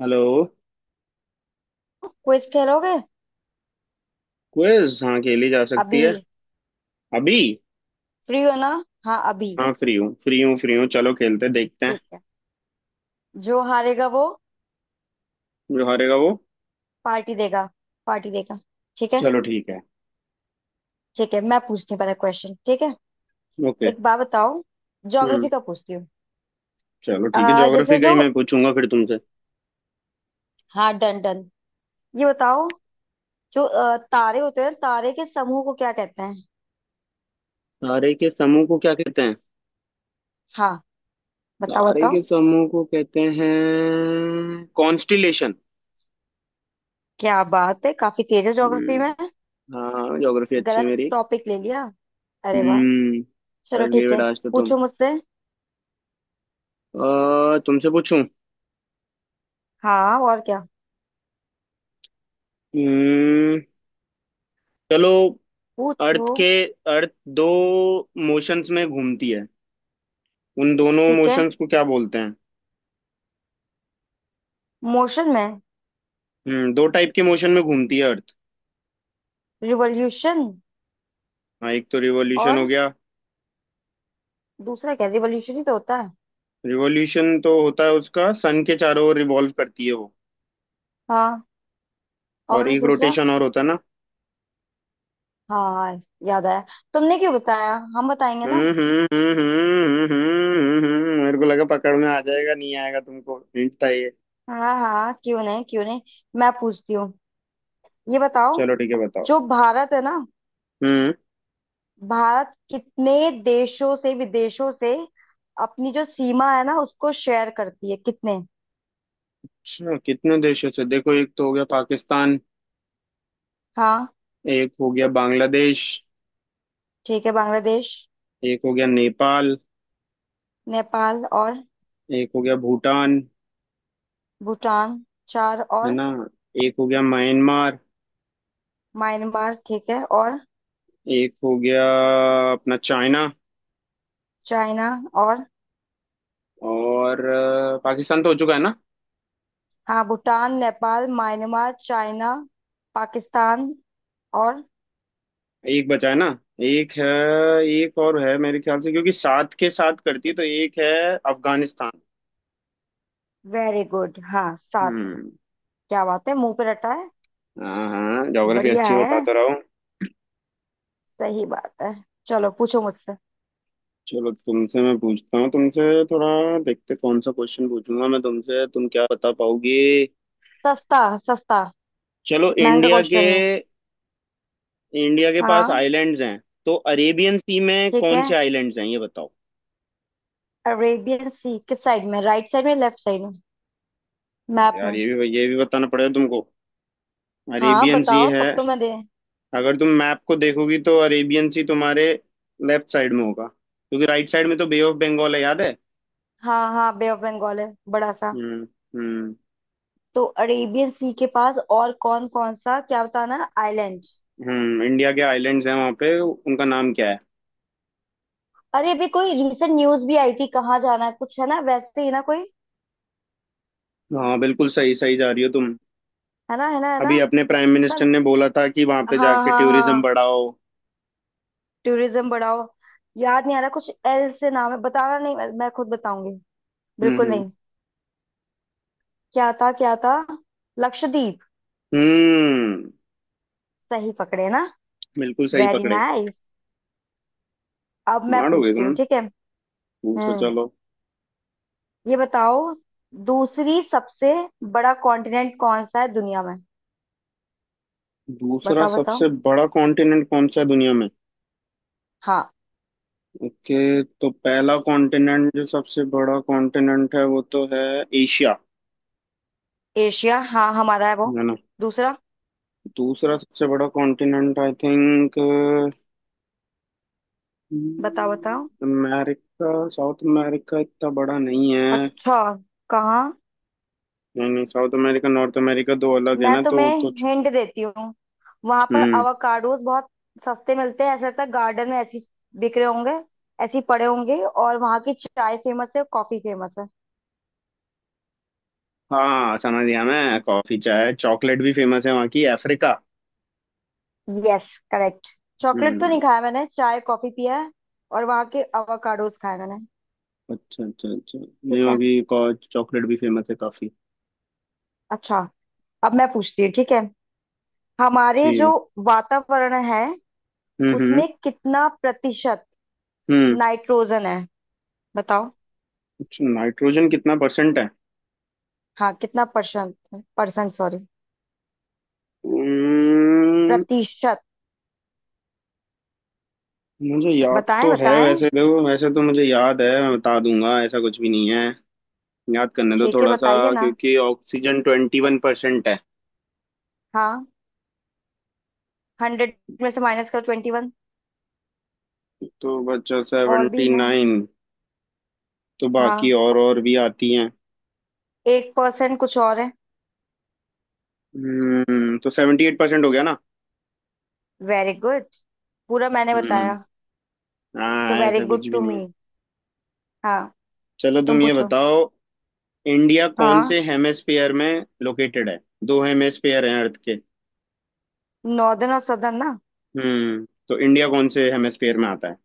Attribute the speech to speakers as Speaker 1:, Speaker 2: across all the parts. Speaker 1: Hello.
Speaker 2: Quiz खेलोगे।
Speaker 1: Quiz हाँ खेली जा सकती
Speaker 2: अभी
Speaker 1: है। अभी।
Speaker 2: फ्री हो ना। हाँ अभी।
Speaker 1: हाँ फ्री हूँ फ्री हूँ फ्री हूँ चलो खेलते हैं, देखते हैं।
Speaker 2: ठीक है। जो हारेगा वो
Speaker 1: जो हारेगा वो।
Speaker 2: पार्टी देगा। पार्टी देगा। ठीक है।
Speaker 1: चलो ठीक है।
Speaker 2: ठीक है, मैं पूछती हूँ पहले क्वेश्चन, ठीक है?
Speaker 1: ओके।
Speaker 2: एक बात बताओ।
Speaker 1: हम्म।
Speaker 2: ज्योग्राफी का पूछती हूँ।
Speaker 1: चलो ठीक है ज्योग्राफी
Speaker 2: जैसे
Speaker 1: का ही
Speaker 2: जो,
Speaker 1: मैं पूछूंगा फिर तुमसे।
Speaker 2: हाँ डन डन। ये बताओ, जो तारे होते हैं, तारे के समूह को क्या कहते हैं?
Speaker 1: तारे के समूह को क्या कहते हैं?
Speaker 2: हाँ, बताओ
Speaker 1: तारे के
Speaker 2: बताओ।
Speaker 1: समूह को कहते हैं कॉन्स्टिलेशन।
Speaker 2: क्या बात है, काफी तेज है ज्योग्राफी में।
Speaker 1: हम्म। हाँ ज्योग्राफी अच्छी है
Speaker 2: गलत
Speaker 1: मेरी।
Speaker 2: टॉपिक ले लिया। अरे वाह।
Speaker 1: हम्म।
Speaker 2: चलो
Speaker 1: बस गई
Speaker 2: ठीक है।
Speaker 1: बेटा आज तो तुम।
Speaker 2: पूछो मुझसे।
Speaker 1: तुमसे पूछूं।
Speaker 2: हाँ और क्या।
Speaker 1: हम्म। चलो।
Speaker 2: पूछो।
Speaker 1: अर्थ के। अर्थ दो मोशंस में घूमती है। उन दोनों
Speaker 2: ठीक है,
Speaker 1: मोशंस को क्या बोलते हैं?
Speaker 2: मोशन में।
Speaker 1: दो टाइप के मोशन में घूमती है अर्थ।
Speaker 2: रिवॉल्यूशन।
Speaker 1: हाँ एक तो रिवॉल्यूशन हो
Speaker 2: और
Speaker 1: गया।
Speaker 2: दूसरा क्या, रिवॉल्यूशन ही तो होता है।
Speaker 1: रिवॉल्यूशन तो होता है उसका, सन के चारों ओर रिवॉल्व करती है वो।
Speaker 2: हाँ
Speaker 1: और
Speaker 2: और
Speaker 1: एक
Speaker 2: दूसरा।
Speaker 1: रोटेशन और होता है ना।
Speaker 2: हाँ, याद आया। तुमने क्यों बताया, हम बताएंगे ना।
Speaker 1: मेरे को लगा पकड़ में आ जाएगा, नहीं आएगा तुमको, हिंट था ये।
Speaker 2: हाँ हाँ, क्यों नहीं क्यों नहीं। मैं पूछती हूँ, ये बताओ।
Speaker 1: चलो ठीक है बताओ।
Speaker 2: जो भारत है ना,
Speaker 1: हम्म।
Speaker 2: भारत कितने देशों से, विदेशों से अपनी जो सीमा है ना उसको शेयर करती है, कितने?
Speaker 1: अच्छा कितने देशों से, देखो एक तो हो गया पाकिस्तान।
Speaker 2: हाँ।
Speaker 1: एक हो गया बांग्लादेश।
Speaker 2: ठीक है, बांग्लादेश।
Speaker 1: एक हो गया नेपाल।
Speaker 2: नेपाल और।
Speaker 1: एक हो गया भूटान
Speaker 2: भूटान। चार
Speaker 1: है
Speaker 2: और।
Speaker 1: ना। एक हो गया म्यांमार।
Speaker 2: म्यांमार ठीक है और।
Speaker 1: एक हो गया अपना चाइना।
Speaker 2: चाइना और।
Speaker 1: और पाकिस्तान तो हो चुका है ना।
Speaker 2: हाँ, भूटान, नेपाल, म्यांमार, चाइना, पाकिस्तान, और।
Speaker 1: एक बचा है ना। एक है। एक और है मेरे ख्याल से, क्योंकि सात के साथ करती है तो एक है, अफगानिस्तान।
Speaker 2: वेरी गुड, हाँ सात।
Speaker 1: हम्म।
Speaker 2: क्या बात है, मुंह पे रटा है।
Speaker 1: हाँ हाँ ज्योग्राफी
Speaker 2: बढ़िया
Speaker 1: अच्छी है, बता
Speaker 2: है।
Speaker 1: तो रहा हूँ।
Speaker 2: सही बात है। चलो पूछो मुझसे।
Speaker 1: चलो तुमसे मैं पूछता हूँ तुमसे। थोड़ा देखते कौन सा क्वेश्चन पूछूंगा मैं तुमसे, तुम क्या बता पाओगे।
Speaker 2: सस्ता सस्ता
Speaker 1: चलो
Speaker 2: महंगा
Speaker 1: इंडिया के।
Speaker 2: क्वेश्चन है।
Speaker 1: इंडिया के पास
Speaker 2: हाँ
Speaker 1: आइलैंड्स हैं तो अरेबियन सी में
Speaker 2: ठीक
Speaker 1: कौन
Speaker 2: है।
Speaker 1: से आइलैंड्स हैं ये बताओ।
Speaker 2: अरेबियन सी किस साइड में, राइट साइड में, लेफ्ट साइड में?
Speaker 1: अब
Speaker 2: मैप
Speaker 1: यार
Speaker 2: में।
Speaker 1: ये भी बताना पड़ेगा तुमको।
Speaker 2: हाँ
Speaker 1: अरेबियन सी
Speaker 2: बताओ,
Speaker 1: है।
Speaker 2: तब तो मैं दे।
Speaker 1: अगर तुम मैप को देखोगी तो अरेबियन सी तुम्हारे लेफ्ट साइड में होगा, क्योंकि राइट साइड में तो बे ऑफ बंगाल है, याद है।
Speaker 2: हाँ हाँ, बे ऑफ बंगाल है बड़ा सा।
Speaker 1: हम्म। हम्म।
Speaker 2: तो अरेबियन सी के पास और कौन कौन सा, क्या बताना, आइलैंड?
Speaker 1: इंडिया के आइलैंड्स हैं वहाँ पे, उनका नाम क्या है?
Speaker 2: अरे अभी कोई रिसेंट न्यूज भी आई थी, कहाँ जाना है, कुछ है ना, वैसे ही ना कोई।
Speaker 1: हाँ बिल्कुल सही सही जा रही हो तुम।
Speaker 2: है ना, है ना, है ना।
Speaker 1: अभी अपने प्राइम
Speaker 2: उसका।
Speaker 1: मिनिस्टर ने बोला था कि वहाँ पे
Speaker 2: हाँ
Speaker 1: जाके
Speaker 2: हाँ
Speaker 1: टूरिज्म
Speaker 2: हाँ,
Speaker 1: बढ़ाओ।
Speaker 2: टूरिज्म बढ़ाओ। याद नहीं आ रहा, कुछ एल से नाम है, बताना नहीं, मैं खुद बताऊंगी।
Speaker 1: हम्म
Speaker 2: बिल्कुल
Speaker 1: हम्म
Speaker 2: नहीं। क्या था, क्या था? लक्षद्वीप।
Speaker 1: हम्म,
Speaker 2: सही पकड़े ना।
Speaker 1: बिल्कुल सही
Speaker 2: वेरी
Speaker 1: पकड़े।
Speaker 2: नाइस। अब मैं
Speaker 1: स्मार्ट हो गए
Speaker 2: पूछती हूँ
Speaker 1: तुम।
Speaker 2: ठीक है।
Speaker 1: पूछो
Speaker 2: हम्म,
Speaker 1: चलो।
Speaker 2: ये बताओ। दूसरी, सबसे बड़ा कॉन्टिनेंट कौन सा है दुनिया में?
Speaker 1: दूसरा
Speaker 2: बताओ बताओ।
Speaker 1: सबसे बड़ा कॉन्टिनेंट कौन सा है दुनिया में?
Speaker 2: हाँ।
Speaker 1: ओके तो पहला कॉन्टिनेंट जो सबसे बड़ा कॉन्टिनेंट है वो तो है एशिया,
Speaker 2: एशिया, हाँ, हमारा है वो।
Speaker 1: है ना।
Speaker 2: दूसरा।
Speaker 1: दूसरा सबसे बड़ा कॉन्टिनेंट आई थिंक
Speaker 2: बताओ बताओ।
Speaker 1: अमेरिका, साउथ अमेरिका इतना बड़ा नहीं है।
Speaker 2: अच्छा। कहाँ?
Speaker 1: नहीं नहीं साउथ अमेरिका नॉर्थ अमेरिका दो अलग है
Speaker 2: मैं
Speaker 1: ना,
Speaker 2: तुम्हें हिंट देती हूँ। वहां पर
Speaker 1: हम्म।
Speaker 2: अवाकाडोस बहुत सस्ते मिलते हैं, ऐसा लगता है गार्डन में ऐसी बिक रहे होंगे। ऐसे ही पड़े होंगे। और वहां की चाय फेमस है, कॉफी फेमस है।
Speaker 1: हाँ समझ गया मैं, कॉफी चाय चॉकलेट भी फेमस है वहाँ की, अफ्रीका।
Speaker 2: Yes, correct. चॉकलेट तो नहीं
Speaker 1: हम्म।
Speaker 2: खाया मैंने, चाय कॉफी पिया है। और वहां के अवाकाडोस खाए मैंने।
Speaker 1: अच्छा अच्छा अच्छा, नहीं
Speaker 2: ठीक
Speaker 1: वहाँ
Speaker 2: है।
Speaker 1: की चॉकलेट भी फेमस है काफी।
Speaker 2: अच्छा, अब मैं पूछती हूँ ठीक है। हमारे
Speaker 1: ठीक
Speaker 2: जो
Speaker 1: है।
Speaker 2: वातावरण है,
Speaker 1: हम्म।
Speaker 2: उसमें कितना प्रतिशत
Speaker 1: हम्म।
Speaker 2: नाइट्रोजन है, बताओ।
Speaker 1: अच्छा नाइट्रोजन कितना परसेंट है?
Speaker 2: हाँ कितना परसेंट, परसेंट सॉरी,
Speaker 1: उम्म,
Speaker 2: प्रतिशत।
Speaker 1: मुझे याद
Speaker 2: बताएं
Speaker 1: तो है
Speaker 2: बताएं।
Speaker 1: वैसे, देखो वैसे तो मुझे याद है, मैं बता दूंगा ऐसा कुछ भी नहीं है। याद करने दो
Speaker 2: छह के
Speaker 1: थोड़ा सा।
Speaker 2: बताइए ना।
Speaker 1: क्योंकि ऑक्सीजन 21% है।
Speaker 2: हाँ, 100 में से माइनस करो 21।
Speaker 1: तो बचा
Speaker 2: और भी
Speaker 1: सेवेंटी
Speaker 2: हैं।
Speaker 1: नाइन तो बाकी
Speaker 2: हाँ,
Speaker 1: और भी आती हैं।
Speaker 2: एक परसेंट कुछ और है।
Speaker 1: तो 78% हो गया ना।
Speaker 2: वेरी गुड, पूरा मैंने
Speaker 1: हम्म।
Speaker 2: बताया। तो
Speaker 1: हाँ
Speaker 2: वेरी
Speaker 1: ऐसा
Speaker 2: गुड
Speaker 1: कुछ भी
Speaker 2: टू
Speaker 1: नहीं
Speaker 2: मी।
Speaker 1: है।
Speaker 2: हाँ।
Speaker 1: चलो तुम
Speaker 2: तुम
Speaker 1: ये
Speaker 2: पूछो।
Speaker 1: बताओ। इंडिया कौन
Speaker 2: हाँ।
Speaker 1: से हेमेस्फेयर में लोकेटेड है? दो हेमेस्फेयर हैं अर्थ के।
Speaker 2: नॉर्दर्न और सदर्न ना।
Speaker 1: तो इंडिया कौन से हेमेस्फेयर में आता है?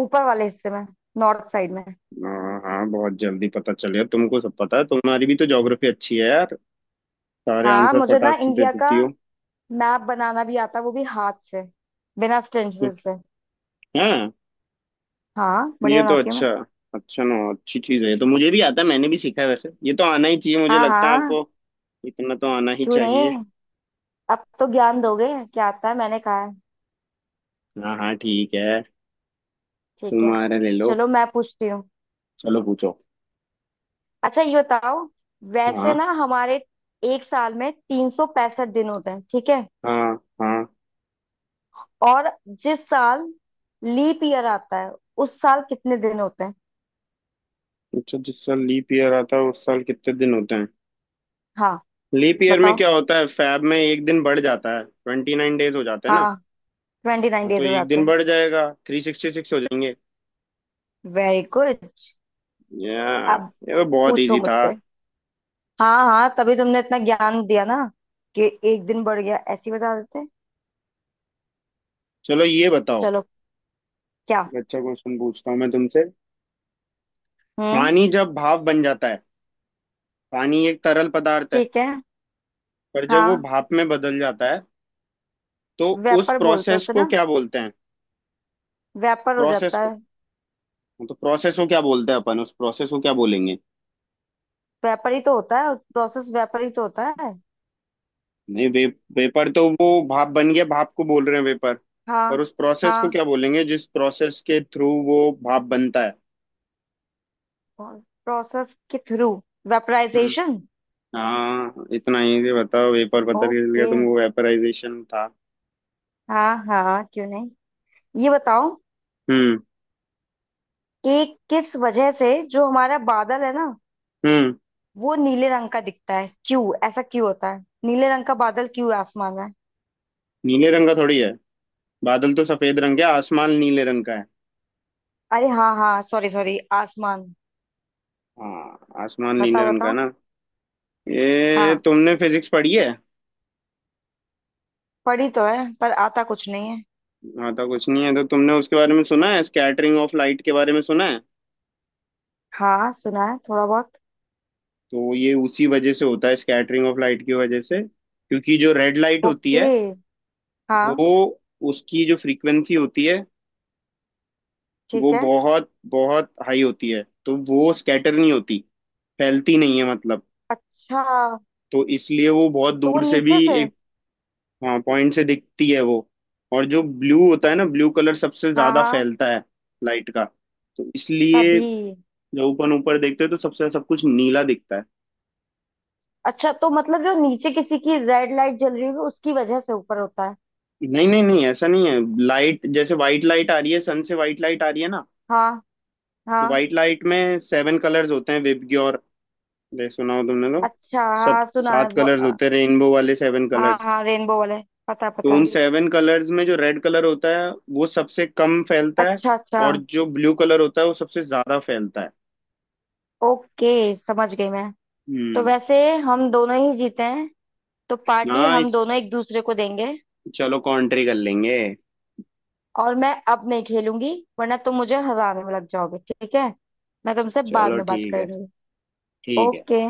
Speaker 2: ऊपर वाले हिस्से में, नॉर्थ साइड में।
Speaker 1: हाँ हाँ बहुत जल्दी पता चल गया तुमको, सब पता है, तुम्हारी भी तो ज्योग्राफी अच्छी है यार, सारे
Speaker 2: हाँ,
Speaker 1: आंसर
Speaker 2: मुझे ना
Speaker 1: फटाक से दे
Speaker 2: इंडिया का
Speaker 1: देती हो।
Speaker 2: मैप बनाना भी आता है, वो भी हाथ से, बिना स्टेंसिल से।
Speaker 1: हाँ
Speaker 2: हाँ
Speaker 1: ये
Speaker 2: बढ़िया
Speaker 1: तो
Speaker 2: बनाती हूँ मैं।
Speaker 1: अच्छा, अच्छा ना अच्छी चीज है ये तो, मुझे भी आता है, मैंने भी सीखा है वैसे, ये तो आना ही चाहिए, मुझे
Speaker 2: हाँ
Speaker 1: लगता है
Speaker 2: हाँ,
Speaker 1: आपको इतना तो आना ही
Speaker 2: क्यों
Speaker 1: चाहिए।
Speaker 2: नहीं। अब तो ज्ञान दोगे, क्या आता है मैंने कहा है।
Speaker 1: हाँ हाँ ठीक है।
Speaker 2: ठीक है।
Speaker 1: तुम्हारा ले लो।
Speaker 2: चलो मैं पूछती हूँ।
Speaker 1: चलो पूछो।
Speaker 2: अच्छा ये बताओ, वैसे
Speaker 1: हाँ।
Speaker 2: ना हमारे एक साल में 365 दिन होते हैं ठीक है।
Speaker 1: हाँ। हाँ
Speaker 2: और जिस साल लीप ईयर आता है उस साल कितने दिन होते हैं?
Speaker 1: अच्छा, जिस साल लीप ईयर आता है उस साल कितने दिन होते हैं?
Speaker 2: हाँ
Speaker 1: लीप ईयर में
Speaker 2: बताओ।
Speaker 1: क्या होता है, फैब में एक दिन बढ़ जाता है, 29 डेज हो जाते हैं ना।
Speaker 2: हाँ, 29
Speaker 1: हाँ तो
Speaker 2: डेज हो
Speaker 1: एक
Speaker 2: जाते
Speaker 1: दिन
Speaker 2: हैं।
Speaker 1: बढ़ जाएगा, 366 हो जाएंगे।
Speaker 2: Very good.
Speaker 1: या
Speaker 2: अब
Speaker 1: ये बहुत
Speaker 2: पूछो
Speaker 1: इजी था।
Speaker 2: मुझसे। हाँ हाँ, तभी तुमने इतना ज्ञान दिया ना कि एक दिन बढ़ गया, ऐसे ही बता देते।
Speaker 1: चलो ये बताओ।
Speaker 2: चलो। क्या?
Speaker 1: एक अच्छा क्वेश्चन पूछता हूँ मैं तुमसे।
Speaker 2: हम्म।
Speaker 1: पानी जब भाप बन जाता है, पानी एक तरल पदार्थ है,
Speaker 2: ठीक है।
Speaker 1: पर जब वो
Speaker 2: हाँ,
Speaker 1: भाप में बदल जाता है तो उस
Speaker 2: व्यापार बोलते हैं
Speaker 1: प्रोसेस
Speaker 2: उसे
Speaker 1: को
Speaker 2: ना।
Speaker 1: क्या बोलते हैं?
Speaker 2: व्यापार हो
Speaker 1: प्रोसेस
Speaker 2: जाता
Speaker 1: को।
Speaker 2: है।
Speaker 1: हाँ, तो प्रोसेस को क्या बोलते हैं, अपन उस प्रोसेस को क्या बोलेंगे?
Speaker 2: व्यापारी तो होता है, प्रोसेस व्यापारी तो होता है।
Speaker 1: नहीं वेपर तो वो भाप बन गया, भाप को बोल रहे हैं वेपर, पर
Speaker 2: हाँ
Speaker 1: उस प्रोसेस को
Speaker 2: हाँ।
Speaker 1: क्या बोलेंगे जिस प्रोसेस के थ्रू वो भाप बनता
Speaker 2: प्रोसेस के थ्रू,
Speaker 1: है।
Speaker 2: वेपराइजेशन।
Speaker 1: हाँ इतना इजी, बताओ वेपर पता चल गया
Speaker 2: ओके
Speaker 1: तुमको, वेपराइजेशन था।
Speaker 2: हाँ हाँ, क्यों नहीं। ये बताओ
Speaker 1: हम्म।
Speaker 2: कि किस वजह से जो हमारा बादल है ना,
Speaker 1: हम्म।
Speaker 2: वो नीले रंग का दिखता है, क्यों ऐसा क्यों होता है? नीले रंग का बादल क्यों है आसमान में?
Speaker 1: नीले रंग का थोड़ी है, बादल तो सफेद रंग के, आसमान नीले रंग का है।
Speaker 2: अरे हाँ हाँ, सॉरी सॉरी, आसमान।
Speaker 1: हाँ आसमान नीले
Speaker 2: बताओ
Speaker 1: रंग का
Speaker 2: बताओ।
Speaker 1: ना। ये
Speaker 2: हाँ
Speaker 1: तुमने फिजिक्स पढ़ी है।
Speaker 2: पढ़ी तो है, पर आता कुछ नहीं है।
Speaker 1: हाँ तो कुछ नहीं है तो तुमने उसके बारे में सुना है, स्कैटरिंग ऑफ लाइट के बारे में सुना है?
Speaker 2: हाँ सुना है थोड़ा बहुत।
Speaker 1: तो ये उसी वजह से होता है, स्कैटरिंग ऑफ लाइट की वजह से, क्योंकि जो रेड लाइट होती
Speaker 2: ओके
Speaker 1: है
Speaker 2: हाँ।
Speaker 1: वो, उसकी जो फ्रीक्वेंसी होती है वो
Speaker 2: ठीक है।
Speaker 1: बहुत बहुत हाई होती है तो वो स्कैटर नहीं होती, फैलती नहीं है मतलब।
Speaker 2: अच्छा।
Speaker 1: तो इसलिए वो बहुत
Speaker 2: तो वो
Speaker 1: दूर से भी
Speaker 2: नीचे से।
Speaker 1: एक, हाँ, पॉइंट से दिखती है वो। और जो ब्लू होता है ना, ब्लू कलर सबसे
Speaker 2: हाँ
Speaker 1: ज्यादा
Speaker 2: हाँ,
Speaker 1: फैलता है लाइट का। तो इसलिए
Speaker 2: तभी।
Speaker 1: जब ऊपर ऊपर देखते हैं तो सबसे सब कुछ नीला दिखता है।
Speaker 2: अच्छा तो मतलब जो नीचे किसी की रेड लाइट जल रही होगी, उसकी वजह से ऊपर होता है?
Speaker 1: नहीं नहीं नहीं ऐसा नहीं है, लाइट, जैसे व्हाइट लाइट आ रही है सन से, व्हाइट लाइट आ रही है ना।
Speaker 2: हाँ
Speaker 1: तो
Speaker 2: हाँ।
Speaker 1: व्हाइट लाइट में सेवन कलर्स होते हैं, विबग्योर ले सुना हो तुमने तो।
Speaker 2: अच्छा
Speaker 1: सब
Speaker 2: हाँ, सुना है
Speaker 1: सात
Speaker 2: वो
Speaker 1: कलर्स
Speaker 2: अ,
Speaker 1: होते हैं रेनबो वाले, सेवन
Speaker 2: हाँ
Speaker 1: कलर्स।
Speaker 2: हाँ, रेनबो वाले, पता
Speaker 1: तो
Speaker 2: पता
Speaker 1: उन
Speaker 2: है।
Speaker 1: सेवन कलर्स में जो रेड कलर होता है वो सबसे कम फैलता है।
Speaker 2: अच्छा अच्छा।
Speaker 1: और जो ब्लू कलर होता है वो सबसे ज्यादा फैलता है।
Speaker 2: ओके, समझ गई मैं। तो
Speaker 1: हम्म।
Speaker 2: वैसे हम दोनों ही जीते हैं, तो पार्टी
Speaker 1: हाँ
Speaker 2: हम
Speaker 1: इस
Speaker 2: दोनों एक दूसरे को देंगे।
Speaker 1: चलो कॉन्ट्री कर लेंगे।
Speaker 2: और मैं अब नहीं खेलूंगी, वरना तुम मुझे हराने में लग जाओगे ठीक है। मैं तुमसे बाद
Speaker 1: चलो
Speaker 2: में बात
Speaker 1: ठीक है।
Speaker 2: करूंगी।
Speaker 1: ठीक है।
Speaker 2: ओके।